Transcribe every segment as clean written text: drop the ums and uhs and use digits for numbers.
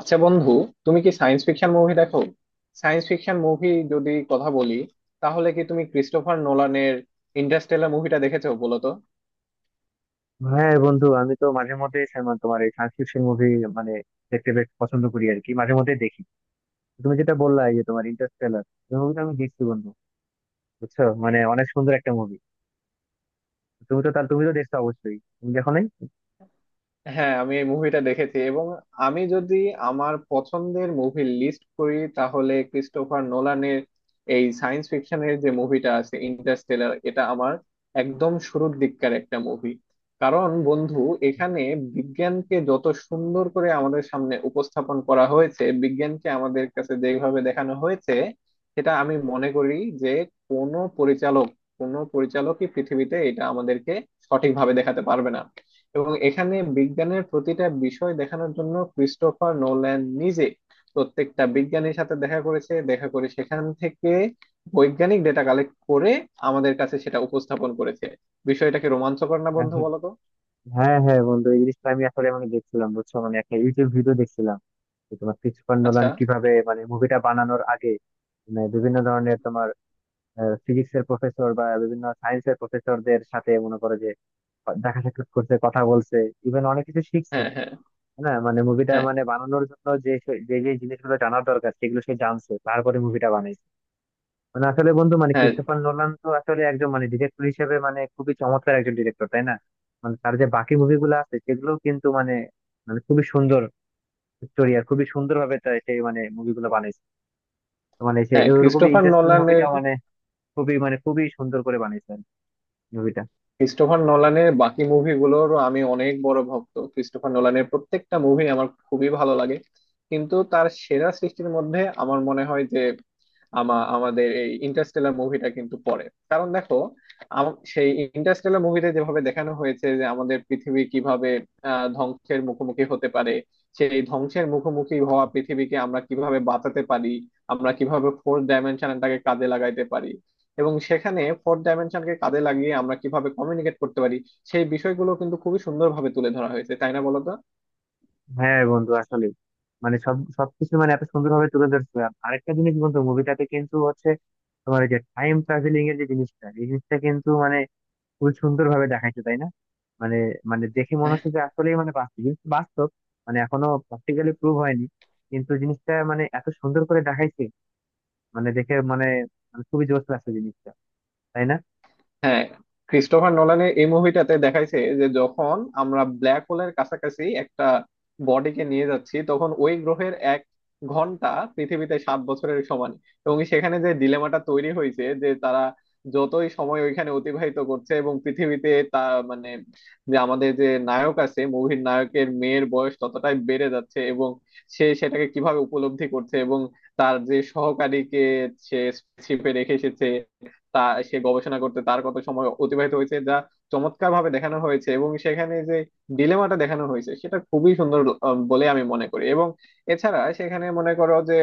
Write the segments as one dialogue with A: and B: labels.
A: আচ্ছা বন্ধু, তুমি কি সায়েন্স ফিকশন মুভি দেখো? সায়েন্স ফিকশন মুভি যদি কথা বলি, তাহলে কি তুমি ক্রিস্টোফার নোলানের ইন্টারস্টেলার মুভিটা দেখেছো বলো তো?
B: হ্যাঁ বন্ধু, আমি তো মাঝে মধ্যে তোমার এই সায়েন্স ফিকশন মুভি মানে দেখতে বেশ পছন্দ করি আর কি, মাঝে মধ্যে দেখি। তুমি যেটা বললা, এই যে তোমার ইন্টারস্টেলার, এই মুভিটা আমি দেখছি বন্ধু। বুঝছো, মানে অনেক সুন্দর একটা মুভি। তুমি তো তাহলে তুমি তো দেখছো, অবশ্যই। তুমি দেখো নাই?
A: হ্যাঁ, আমি এই মুভিটা দেখেছি এবং আমি যদি আমার পছন্দের মুভি লিস্ট করি, তাহলে ক্রিস্টোফার নোলানের এই সায়েন্স ফিকশনের যে মুভিটা আছে ইন্টারস্টেলার, এটা আমার একদম শুরুর দিককার একটা মুভি। কারণ বন্ধু, এখানে বিজ্ঞানকে যত সুন্দর করে আমাদের সামনে উপস্থাপন করা হয়েছে, বিজ্ঞানকে আমাদের কাছে যেভাবে দেখানো হয়েছে, সেটা আমি মনে করি যে কোনো পরিচালক, কোনো পরিচালকই পৃথিবীতে এটা আমাদেরকে সঠিকভাবে দেখাতে পারবে না। এবং এখানে বিজ্ঞানের প্রতিটা বিষয় দেখানোর জন্য ক্রিস্টোফার নোল্যান নিজে প্রত্যেকটা বিজ্ঞানীর সাথে দেখা করেছে, দেখা করে সেখান থেকে বৈজ্ঞানিক ডেটা কালেক্ট করে আমাদের কাছে সেটা উপস্থাপন করেছে। বিষয়টাকে রোমাঞ্চকর না বন্ধু, বলো তো?
B: হ্যাঁ হ্যাঁ বন্ধু, এই জিনিসটা আমি আসলে মানে দেখছিলাম। বুঝছো, মানে একটা ইউটিউব ভিডিও দেখছিলাম যে তোমার ক্রিস্টোফার
A: আচ্ছা।
B: নোলান কিভাবে মানে মুভিটা বানানোর আগে মানে বিভিন্ন ধরনের তোমার ফিজিক্স এর প্রফেসর বা বিভিন্ন সায়েন্স এর প্রফেসরদের সাথে মনে করো যে দেখা সাক্ষাৎ করছে, কথা বলছে, ইভেন অনেক কিছু শিখছে।
A: হ্যাঁ, হ্যাঁ।
B: হ্যাঁ, মানে মুভিটা
A: হ্যাঁ।
B: মানে বানানোর জন্য যে যে জিনিসগুলো জানার দরকার সেগুলো সে জানছে, তারপরে মুভিটা বানাইছে। মানে আসলে বন্ধু, মানে
A: হ্যাঁ।
B: ক্রিস্টোফার নোলান তো আসলে একজন মানে ডিরেক্টর হিসেবে মানে খুবই চমৎকার একজন ডিরেক্টর, তাই না? মানে তার যে বাকি মুভিগুলো আছে সেগুলো কিন্তু মানে, মানে খুবই সুন্দর স্টোরি আর খুবই সুন্দর ভাবে সে মানে মুভিগুলো বানাইছে। তো মানে সে
A: হ্যাঁ
B: এরকমই
A: ক্রিস্টোফার
B: ইন্টারেস্টিং
A: নোলানের,
B: মুভিটা মানে খুবই মানে খুবই সুন্দর করে বানাইছে মুভিটা।
A: ক্রিস্টোফার নোলানের বাকি মুভিগুলোরও আমি অনেক বড় ভক্ত। ক্রিস্টোফার নোলানের প্রত্যেকটা মুভি আমার খুবই ভালো লাগে, কিন্তু তার সেরা সৃষ্টির মধ্যে আমার মনে হয় যে আমাদের এই ইন্টারস্টেলার মুভিটা কিন্তু পড়ে। কারণ দেখো, সেই ইন্টারস্টেলার মুভিতে যেভাবে দেখানো হয়েছে যে আমাদের পৃথিবী কিভাবে ধ্বংসের মুখোমুখি হতে পারে, সেই ধ্বংসের মুখোমুখি হওয়া পৃথিবীকে আমরা কিভাবে বাঁচাতে পারি, আমরা কিভাবে ফোর্থ ডাইমেনশনটাকে কাজে লাগাইতে পারি, এবং সেখানে ফোর্থ ডাইমেনশনকে কাজে লাগিয়ে আমরা কিভাবে কমিউনিকেট করতে পারি, সেই বিষয়গুলো কিন্তু খুবই সুন্দরভাবে তুলে ধরা হয়েছে, তাই না বলো তো?
B: হ্যাঁ বন্ধু আসলে মানে সবকিছু মানে এত সুন্দরভাবে তুলে ধরছে। আর আরেকটা জিনিস বন্ধু, মুভিটাতে কিন্তু হচ্ছে তোমার ওই যে টাইম ট্রাভেলিং এর যে জিনিসটা, এই জিনিসটা কিন্তু মানে খুব সুন্দরভাবে দেখাইছে, তাই না? মানে, মানে দেখে মনে হচ্ছে যে আসলেই মানে বাস্তব জিনিসটা, বাস্তব মানে এখনো প্র্যাকটিক্যালি প্রুভ হয়নি, কিন্তু জিনিসটা মানে এত সুন্দর করে দেখাইছে, মানে দেখে মানে, মানে খুবই জোশ লাগছে জিনিসটা, তাই না?
A: হ্যাঁ, ক্রিস্টোফার নোলানের এই মুভিটাতে দেখাইছে যে যখন আমরা ব্ল্যাক হোলের কাছাকাছি একটা বডিকে নিয়ে যাচ্ছি, তখন ওই গ্রহের এক ঘন্টা পৃথিবীতে সাত বছরের সমান। এবং সেখানে যে ডিলেমাটা তৈরি হয়েছে যে তারা যতই সময় ওইখানে অতিবাহিত করছে, এবং পৃথিবীতে তা মানে যে আমাদের যে নায়ক আছে, মুভির নায়কের মেয়ের বয়স ততটাই বেড়ে যাচ্ছে, এবং সে সেটাকে কিভাবে উপলব্ধি করছে, এবং তার যে সহকারীকে সে শিপে রেখে এসেছে, তা সে গবেষণা করতে তার কত সময় অতিবাহিত হয়েছে, যা চমৎকার ভাবে দেখানো হয়েছে। এবং সেখানে যে ডিলেমাটা দেখানো হয়েছে, সেটা খুবই সুন্দর বলে আমি মনে করি। এবং এছাড়া সেখানে মনে করো যে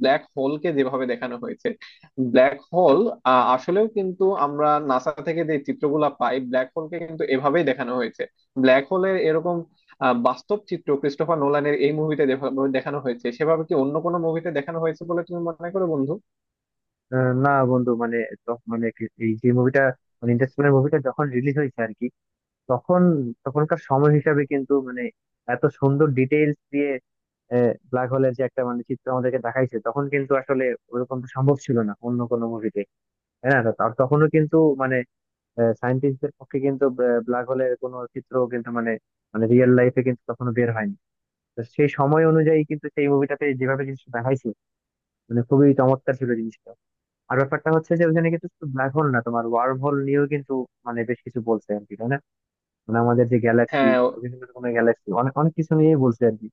A: ব্ল্যাক হোলকে যেভাবে দেখানো হয়েছে, ব্ল্যাক হোল আসলেও কিন্তু আমরা নাসা থেকে যে চিত্রগুলা পাই, ব্ল্যাক হোলকে কিন্তু এভাবেই দেখানো হয়েছে। ব্ল্যাক হোলের এরকম বাস্তব চিত্র ক্রিস্টোফার নোলানের এই মুভিতে দেখানো হয়েছে, সেভাবে কি অন্য কোনো মুভিতে দেখানো হয়েছে বলে তুমি মনে করো বন্ধু?
B: না বন্ধু মানে এই যে মুভিটা, মানে ইন্টারস্টেলার মুভিটা যখন রিলিজ হয়েছে আর কি, তখন তখনকার সময় হিসাবে কিন্তু মানে এত সুন্দর ডিটেইলস দিয়ে ব্ল্যাক হোলের যে একটা মানে চিত্র আমাদেরকে দেখাইছে, তখন কিন্তু আসলে ওরকম তো সম্ভব ছিল না অন্য কোনো মুভিতে। হ্যাঁ, তো তার তখনও কিন্তু মানে সায়েন্টিস্টদের পক্ষে কিন্তু ব্ল্যাক হোলের কোনো চিত্র কিন্তু মানে, মানে রিয়েল লাইফে কিন্তু তখনো বের হয়নি। তো সেই সময় অনুযায়ী কিন্তু সেই মুভিটাতে যেভাবে জিনিসটা দেখাইছে, মানে খুবই চমৎকার ছিল জিনিসটা। আর ব্যাপারটা হচ্ছে যে ওখানে কিন্তু শুধু ব্ল্যাক হোল না, তোমার ওয়ার্ম হোল নিয়েও কিন্তু মানে বেশ কিছু বলছে আর কি, তাই না? মানে আমাদের যে গ্যালাক্সি,
A: হ্যাঁ।
B: বিভিন্ন রকমের গ্যালাক্সি, অনেক অনেক কিছু নিয়েই বলছে আর কি।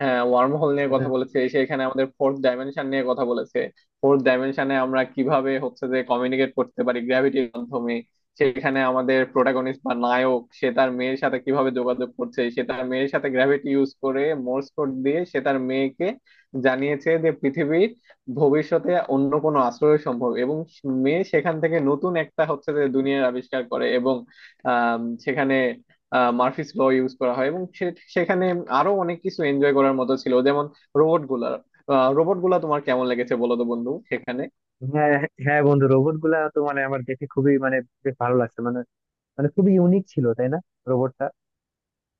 A: হ্যাঁ, ওয়ার্ম হোল নিয়ে
B: তাই না?
A: কথা বলেছে, সেখানে আমাদের ফোর্থ ডাইমেনশন নিয়ে কথা বলেছে। ফোর্থ ডাইমেনশনে আমরা কিভাবে হচ্ছে যে কমিউনিকেট করতে পারি গ্র্যাভিটির মাধ্যমে, সেখানে আমাদের প্রোটাগনিস্ট বা নায়ক সে তার মেয়ের সাথে কিভাবে যোগাযোগ করছে, সে তার মেয়ের সাথে গ্র্যাভিটি ইউজ করে মোর্স কোড দিয়ে সে তার মেয়েকে জানিয়েছে যে পৃথিবীর ভবিষ্যতে অন্য কোনো আশ্রয় সম্ভব, এবং মেয়ে সেখান থেকে নতুন একটা হচ্ছে যে দুনিয়ার আবিষ্কার করে। এবং আহ সেখানে মার্ফিস ল ইউজ করা হয়, এবং সেখানে আরো অনেক কিছু এনজয় করার মতো ছিল, যেমন রোবট গুলা। রোবট গুলা তোমার কেমন লেগেছে বলো তো বন্ধু, সেখানে?
B: হ্যাঁ হ্যাঁ বন্ধু, রোবট গুলা তো মানে আমার দেখে খুবই মানে বেশ ভালো লাগছে। মানে, মানে খুবই ইউনিক ছিল, তাই না রোবটটা?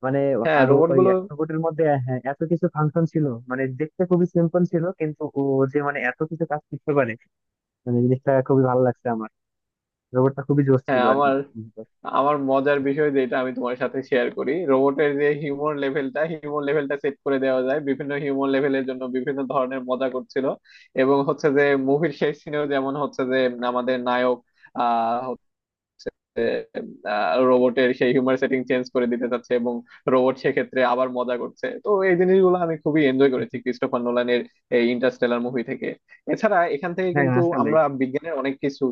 B: মানে,
A: হ্যাঁ,
B: আর ও-
A: রোবট
B: ওই
A: গুলো।
B: এক রোবটের মধ্যে হ্যাঁ এত কিছু ফাংশন ছিল, মানে দেখতে খুবই সিম্পল ছিল কিন্তু ও যে মানে এত কিছু কাজ করতে পারে, মানে জিনিসটা খুবই ভালো লাগছে আমার। রোবটটা খুবই জোশ ছিল
A: হ্যাঁ,
B: আর কি।
A: আমার, আমার মজার বিষয় যেটা আমি তোমার সাথে শেয়ার করি, রোবটের যে হিউমর লেভেলটা, হিউমর লেভেলটা সেট করে দেওয়া যায়, বিভিন্ন হিউমর লেভেলের জন্য বিভিন্ন ধরনের মজা করছিল। এবং হচ্ছে যে মুভির শেষ সিনেও যেমন হচ্ছে যে আমাদের নায়ক আহ রোবটের সেই হিউমার সেটিং চেঞ্জ করে দিতে চাচ্ছে, এবং রোবট সেক্ষেত্রে আবার মজা করছে। তো এই জিনিসগুলো আমি খুবই এনজয় করেছি ক্রিস্টোফার নোলানের এই ইন্টারস্টেলার মুভি থেকে। এছাড়া এখান থেকে
B: হ্যাঁ
A: কিন্তু
B: আসলে,
A: আমরা বিজ্ঞানের অনেক কিছু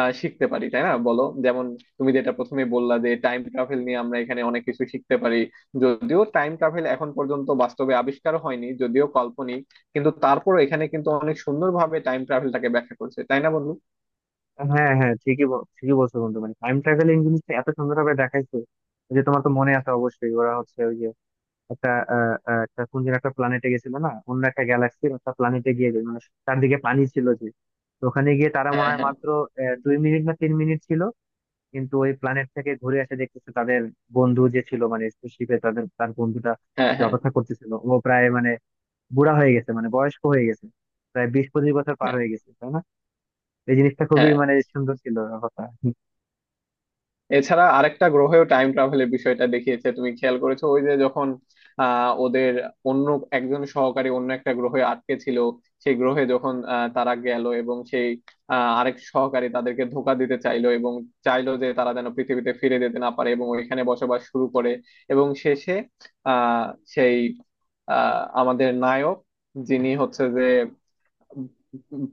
A: শিখতে পারি, তাই না বলো? যেমন তুমি যেটা প্রথমে বললা, যে টাইম ট্রাভেল নিয়ে আমরা এখানে অনেক কিছু শিখতে পারি, যদিও টাইম ট্রাভেল এখন পর্যন্ত বাস্তবে আবিষ্কার হয়নি, যদিও কাল্পনিক, কিন্তু তারপরও এখানে কিন্তু অনেক সুন্দরভাবে টাইম ট্রাভেলটাকে ব্যাখ্যা করছে, তাই না বন্ধু?
B: হ্যাঁ হ্যাঁ ঠিকই বলছো বন্ধু, মানে টাইম ট্রাভেলিং জিনিসটা এত সুন্দরভাবে দেখাইছে যে, তোমার তো মনে আছে অবশ্যই, ওরা হচ্ছে ওই যে একটা আহ, আহ, একটা কোন যেন একটা প্ল্যানেটে গেছিল না, অন্য একটা গ্যালাক্সির একটা প্ল্যানেটে গিয়ে যে মানে চারদিকে পানি ছিল যে। তো ওখানে গিয়ে তারা মনে
A: হ্যাঁ,
B: হয়
A: হ্যাঁ।
B: মাত্র 2 মিনিট, না 3 মিনিট ছিল। কিন্তু ওই প্ল্যানেট থেকে ঘুরে এসে দেখতেছে তাদের বন্ধু যে ছিল মানে স্পেসশিপে তাদের, তার বন্ধুটা
A: হ্যাঁ,
B: যে
A: হ্যাঁ।
B: অপেক্ষা করতেছিল, ও প্রায় মানে বুড়া হয়ে গেছে, মানে বয়স্ক হয়ে গেছে, প্রায় 20-25 বছর পার
A: হ্যাঁ।
B: হয়ে গেছে, তাই না? এই জিনিসটা খুবই
A: হ্যাঁ
B: মানে সুন্দর ছিল ব্যাপারটা।
A: এছাড়া আরেকটা গ্রহেও টাইম ট্রাভেলের বিষয়টা দেখিয়েছে, তুমি খেয়াল করেছো ওই যে যখন ওদের অন্য একজন সহকারী অন্য একটা গ্রহে আটকে ছিল, সেই গ্রহে যখন তারা গেল, এবং সেই আরেক সহকারী তাদেরকে ধোকা দিতে চাইলো, এবং চাইলো যে তারা যেন পৃথিবীতে ফিরে যেতে না পারে এবং ওইখানে বসবাস শুরু করে। এবং শেষে আহ সেই আমাদের নায়ক, যিনি হচ্ছে যে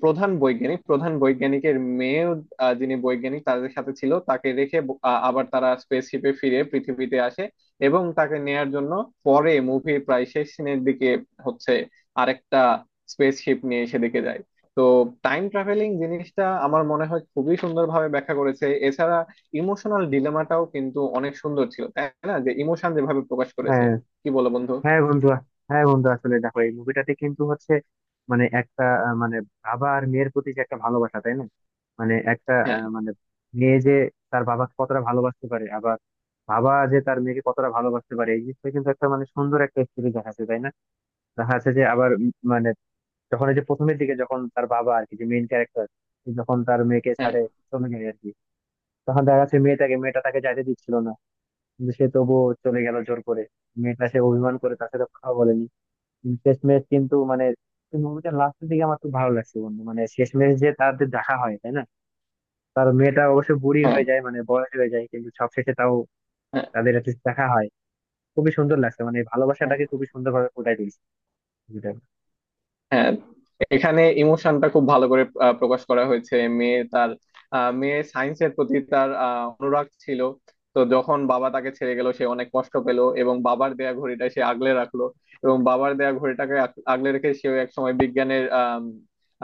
A: প্রধান বৈজ্ঞানিক, প্রধান বৈজ্ঞানিকের মেয়ে, যিনি বৈজ্ঞানিক তাদের সাথে ছিল, তাকে রেখে আবার তারা স্পেসশিপে ফিরে পৃথিবীতে আসে, এবং তাকে নেয়ার জন্য পরে মুভির প্রায় শেষ সিনের দিকে হচ্ছে আরেকটা স্পেসশিপ নিয়ে সেদিকে যায়। তো টাইম ট্রাভেলিং জিনিসটা আমার মনে হয় খুবই সুন্দরভাবে ব্যাখ্যা করেছে। এছাড়া ইমোশনাল ডিলেমাটাও কিন্তু অনেক সুন্দর ছিল, তাই না? যে ইমোশন যেভাবে প্রকাশ করেছে,
B: হ্যাঁ
A: কি বলো বন্ধু?
B: হ্যাঁ বন্ধু, হ্যাঁ বন্ধু আসলে দেখো, এই মুভিটাতে কিন্তু হচ্ছে মানে একটা মানে বাবা আর মেয়ের প্রতি যে একটা ভালোবাসা, তাই না? মানে একটা
A: হ্যাঁ,
B: মানে মেয়ে যে তার বাবাকে কতটা ভালোবাসতে পারে, আবার বাবা যে তার মেয়েকে কতটা ভালোবাসতে পারে, এই জিনিসটা কিন্তু একটা মানে সুন্দর একটা স্টোরি দেখাচ্ছে, তাই না? দেখা যাচ্ছে যে আবার মানে যখন এই যে প্রথমের দিকে যখন তার বাবা আর কি, যে মেইন ক্যারেক্টার, যখন তার মেয়েকে
A: হ্যাঁ।
B: ছাড়ে চলে যায় আর কি, তখন দেখা যাচ্ছে মেয়েটাকে, মেয়েটা তাকে যাইতে দিচ্ছিল না, কিন্তু সে তবুও চলে গেল জোর করে। মেয়েটা সে অভিমান করে তার সাথে কথা বলেনি। শেষমেশ কিন্তু মানে মুভিটা লাস্টের দিকে আমার খুব ভালো লাগছে বন্ধু, মানে শেষমেশ যে তাদের দেখা হয়, তাই না? তার মেয়েটা অবশ্য বুড়ি
A: হ্যাঁ,
B: হয়ে যায়, মানে বয়স হয়ে যায়, কিন্তু সবশেষে তাও
A: হ্যাঁ।
B: তাদের একটা দেখা হয়। খুবই সুন্দর লাগছে, মানে এই
A: হ্যাঁ।
B: ভালোবাসাটাকে খুবই সুন্দর ভাবে ফুটাই তুলছে মুভিটা।
A: হ্যাঁ, এখানে ইমোশনটা খুব ভালো করে প্রকাশ করা হয়েছে। মেয়ে তার, মেয়ে সায়েন্সের প্রতি তার অনুরাগ ছিল। তো যখন বাবা তাকে ছেড়ে গেল, সে অনেক কষ্ট পেল, এবং বাবার দেয়া ঘড়িটা সে আগলে রাখলো। এবং বাবার দেয়া ঘড়িটাকে আগলে রেখে সেও এক সময় বিজ্ঞানের আম,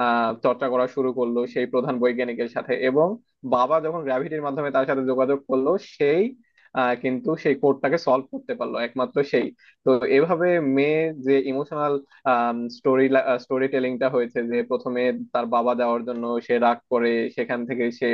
A: আহ, চর্চা করা শুরু করলো সেই প্রধান বৈজ্ঞানিকের সাথে। এবং বাবা যখন গ্র্যাভিটির মাধ্যমে তার সাথে যোগাযোগ করলো সেই কিন্তু সেই কোডটাকে সলভ করতে পারলো একমাত্র সেই। তো এভাবে মেয়ে যে ইমোশনাল স্টোরি, স্টোরি টেলিংটা হয়েছে, যে প্রথমে তার বাবা যাওয়ার জন্য সে রাগ করে, সেখান থেকে সে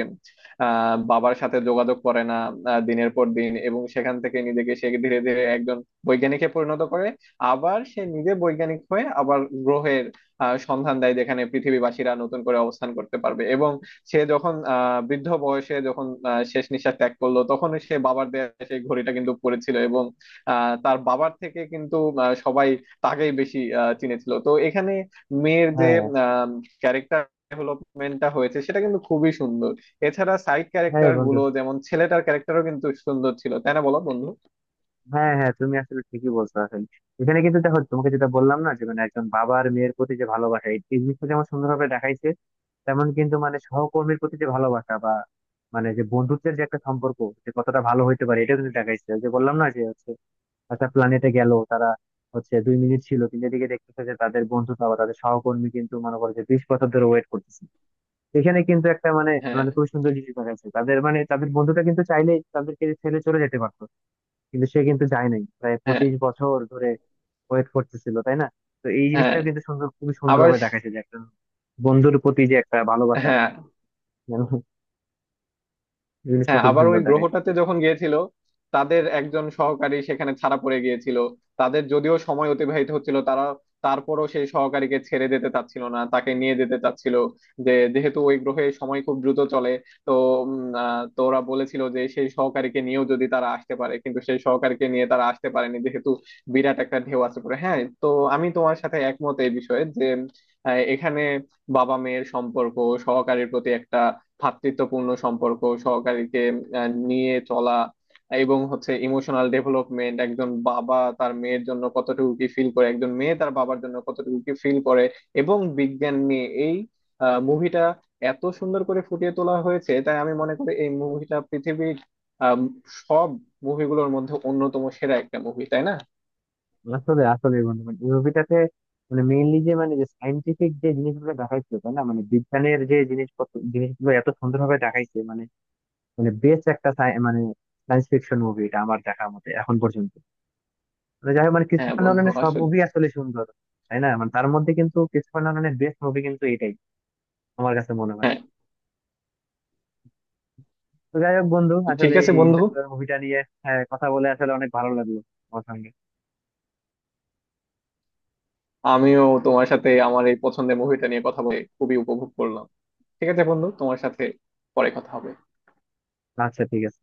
A: বাবার সাথে যোগাযোগ করে না দিনের পর দিন, এবং সেখান থেকে নিজেকে সে ধীরে ধীরে একজন বৈজ্ঞানিকে পরিণত করে। আবার সে নিজে বৈজ্ঞানিক হয়ে আবার গ্রহের সন্ধান দেয়, যেখানে পৃথিবীবাসীরা নতুন করে অবস্থান করতে পারবে। এবং সে যখন বৃদ্ধ বয়সে যখন শেষ নিঃশ্বাস ত্যাগ করলো, তখন সে বাবার দেয়া সেই ঘড়িটা কিন্তু পড়েছিল। এবং তার বাবার থেকে কিন্তু সবাই তাকেই বেশি চিনেছিল। তো এখানে মেয়ের যে
B: হ্যাঁ
A: ক্যারেক্টার ডেভেলপমেন্টটা হয়েছে, সেটা কিন্তু খুবই সুন্দর। এছাড়া সাইড
B: হ্যাঁ
A: ক্যারেক্টার
B: বন্ধু,
A: গুলো, যেমন ছেলেটার ক্যারেক্টারও কিন্তু সুন্দর ছিল, তাই না বলো বন্ধু?
B: হ্যাঁ হ্যাঁ তুমি আসলে ঠিকই বলছো। আসলে এখানে কিন্তু দেখো, তোমাকে যেটা বললাম না, যে মানে একজন বাবার মেয়ের প্রতি যে ভালোবাসা, এই এই জিনিসটা যেমন সুন্দরভাবে দেখাইছে, তেমন কিন্তু মানে সহকর্মীর প্রতি যে ভালোবাসা বা মানে যে বন্ধুত্বের যে একটা সম্পর্ক যে কতটা ভালো হইতে পারে, এটা কিন্তু দেখাইছে। ওই যে বললাম না যে হচ্ছে একটা প্ল্যানেটে গেল তারা, হচ্ছে দুই মিনিট ছিল, কিন্তু এদিকে দেখতেছে যে তাদের বন্ধু বা তাদের সহকর্মী কিন্তু মনে করে যে 20 বছর ধরে ওয়েট করতেছে। এখানে কিন্তু একটা মানে,
A: হ্যাঁ,
B: মানে খুব সুন্দর জিনিস দেখাচ্ছে, তাদের মানে তাদের বন্ধুটা কিন্তু চাইলেই তাদেরকে ছেড়ে চলে যেতে পারতো, কিন্তু সে কিন্তু যায় নাই, প্রায়
A: হ্যাঁ।
B: 25 বছর ধরে ওয়েট করতেছিল, তাই না? তো এই
A: হ্যাঁ
B: জিনিসটা কিন্তু সুন্দর, খুবই সুন্দর
A: আবার।
B: ভাবে দেখাচ্ছে যে একটা বন্ধুর প্রতি যে একটা ভালোবাসা,
A: হ্যাঁ,
B: জিনিসটা
A: হ্যাঁ
B: খুব
A: আবার
B: সুন্দর
A: ওই
B: দেখাইছে।
A: গ্রহটাতে যখন গিয়েছিল, তাদের একজন সহকারী সেখানে ছাড়া পড়ে গিয়েছিল। তাদের যদিও সময় অতিবাহিত হচ্ছিল, তারা তারপরও সেই সহকারীকে ছেড়ে দিতে চাচ্ছিল না, তাকে নিয়ে যেতে চাচ্ছিল যে যেহেতু ওই গ্রহে সময় খুব দ্রুত চলে। তো উম, তো ওরা বলেছিল যে সেই সহকারীকে নিয়েও যদি তারা আসতে পারে, কিন্তু সেই সহকারীকে নিয়ে তারা আসতে পারেনি যেহেতু বিরাট একটা ঢেউ আছে। পরে হ্যাঁ, তো আমি তোমার সাথে একমত এই বিষয়ে যে এখানে বাবা মেয়ের সম্পর্ক, সহকারীর প্রতি একটা ভ্রাতৃত্বপূর্ণ সম্পর্ক, সহকারীকে নিয়ে চলা, এবং হচ্ছে ইমোশনাল ডেভেলপমেন্ট, একজন বাবা তার মেয়ের জন্য কতটুকু কি ফিল করে, একজন মেয়ে তার বাবার জন্য কতটুকু কি ফিল করে, এবং বিজ্ঞান নিয়ে এই মুভিটা এত সুন্দর করে ফুটিয়ে তোলা হয়েছে, তাই আমি মনে করি এই মুভিটা পৃথিবীর আম, সব মুভিগুলোর মধ্যে অন্যতম সেরা একটা মুভি, তাই না?
B: আসলে, আসলে বন্ধু মানে এই মুভিটাতে মানে মেইনলি যে মানে যে সাইন্টিফিক যে জিনিসগুলো দেখাইছে, তাই না, মানে বিজ্ঞানের যে জিনিসপত্র, জিনিসগুলো এত সুন্দরভাবে দেখাইছে, মানে, মানে বেস্ট একটা মানে সায়েন্স ফিকশন মুভি এটা আমার দেখার মতে এখন পর্যন্ত। মানে যাই হোক, মানে
A: হ্যাঁ
B: ক্রিস্টোফার
A: বন্ধু
B: নোলানের সব
A: আসলে।
B: মুভি আসলে সুন্দর, তাই না? মানে তার মধ্যে কিন্তু ক্রিস্টোফার নোলানের বেস্ট মুভি কিন্তু এটাই আমার কাছে মনে হয়।
A: হ্যাঁ
B: তো যাই হোক বন্ধু,
A: ঠিক
B: আসলে
A: আছে
B: এই
A: বন্ধু,
B: ইন্টারস্টেলার মুভিটা নিয়ে হ্যাঁ, কথা বলে আসলে অনেক ভালো লাগলো আমার সঙ্গে।
A: আমিও তোমার সাথে আমার এই পছন্দের মুভিটা নিয়ে কথা বলে খুবই উপভোগ করলাম। ঠিক আছে বন্ধু, তোমার সাথে পরে কথা হবে।
B: আচ্ছা, ঠিক আছে।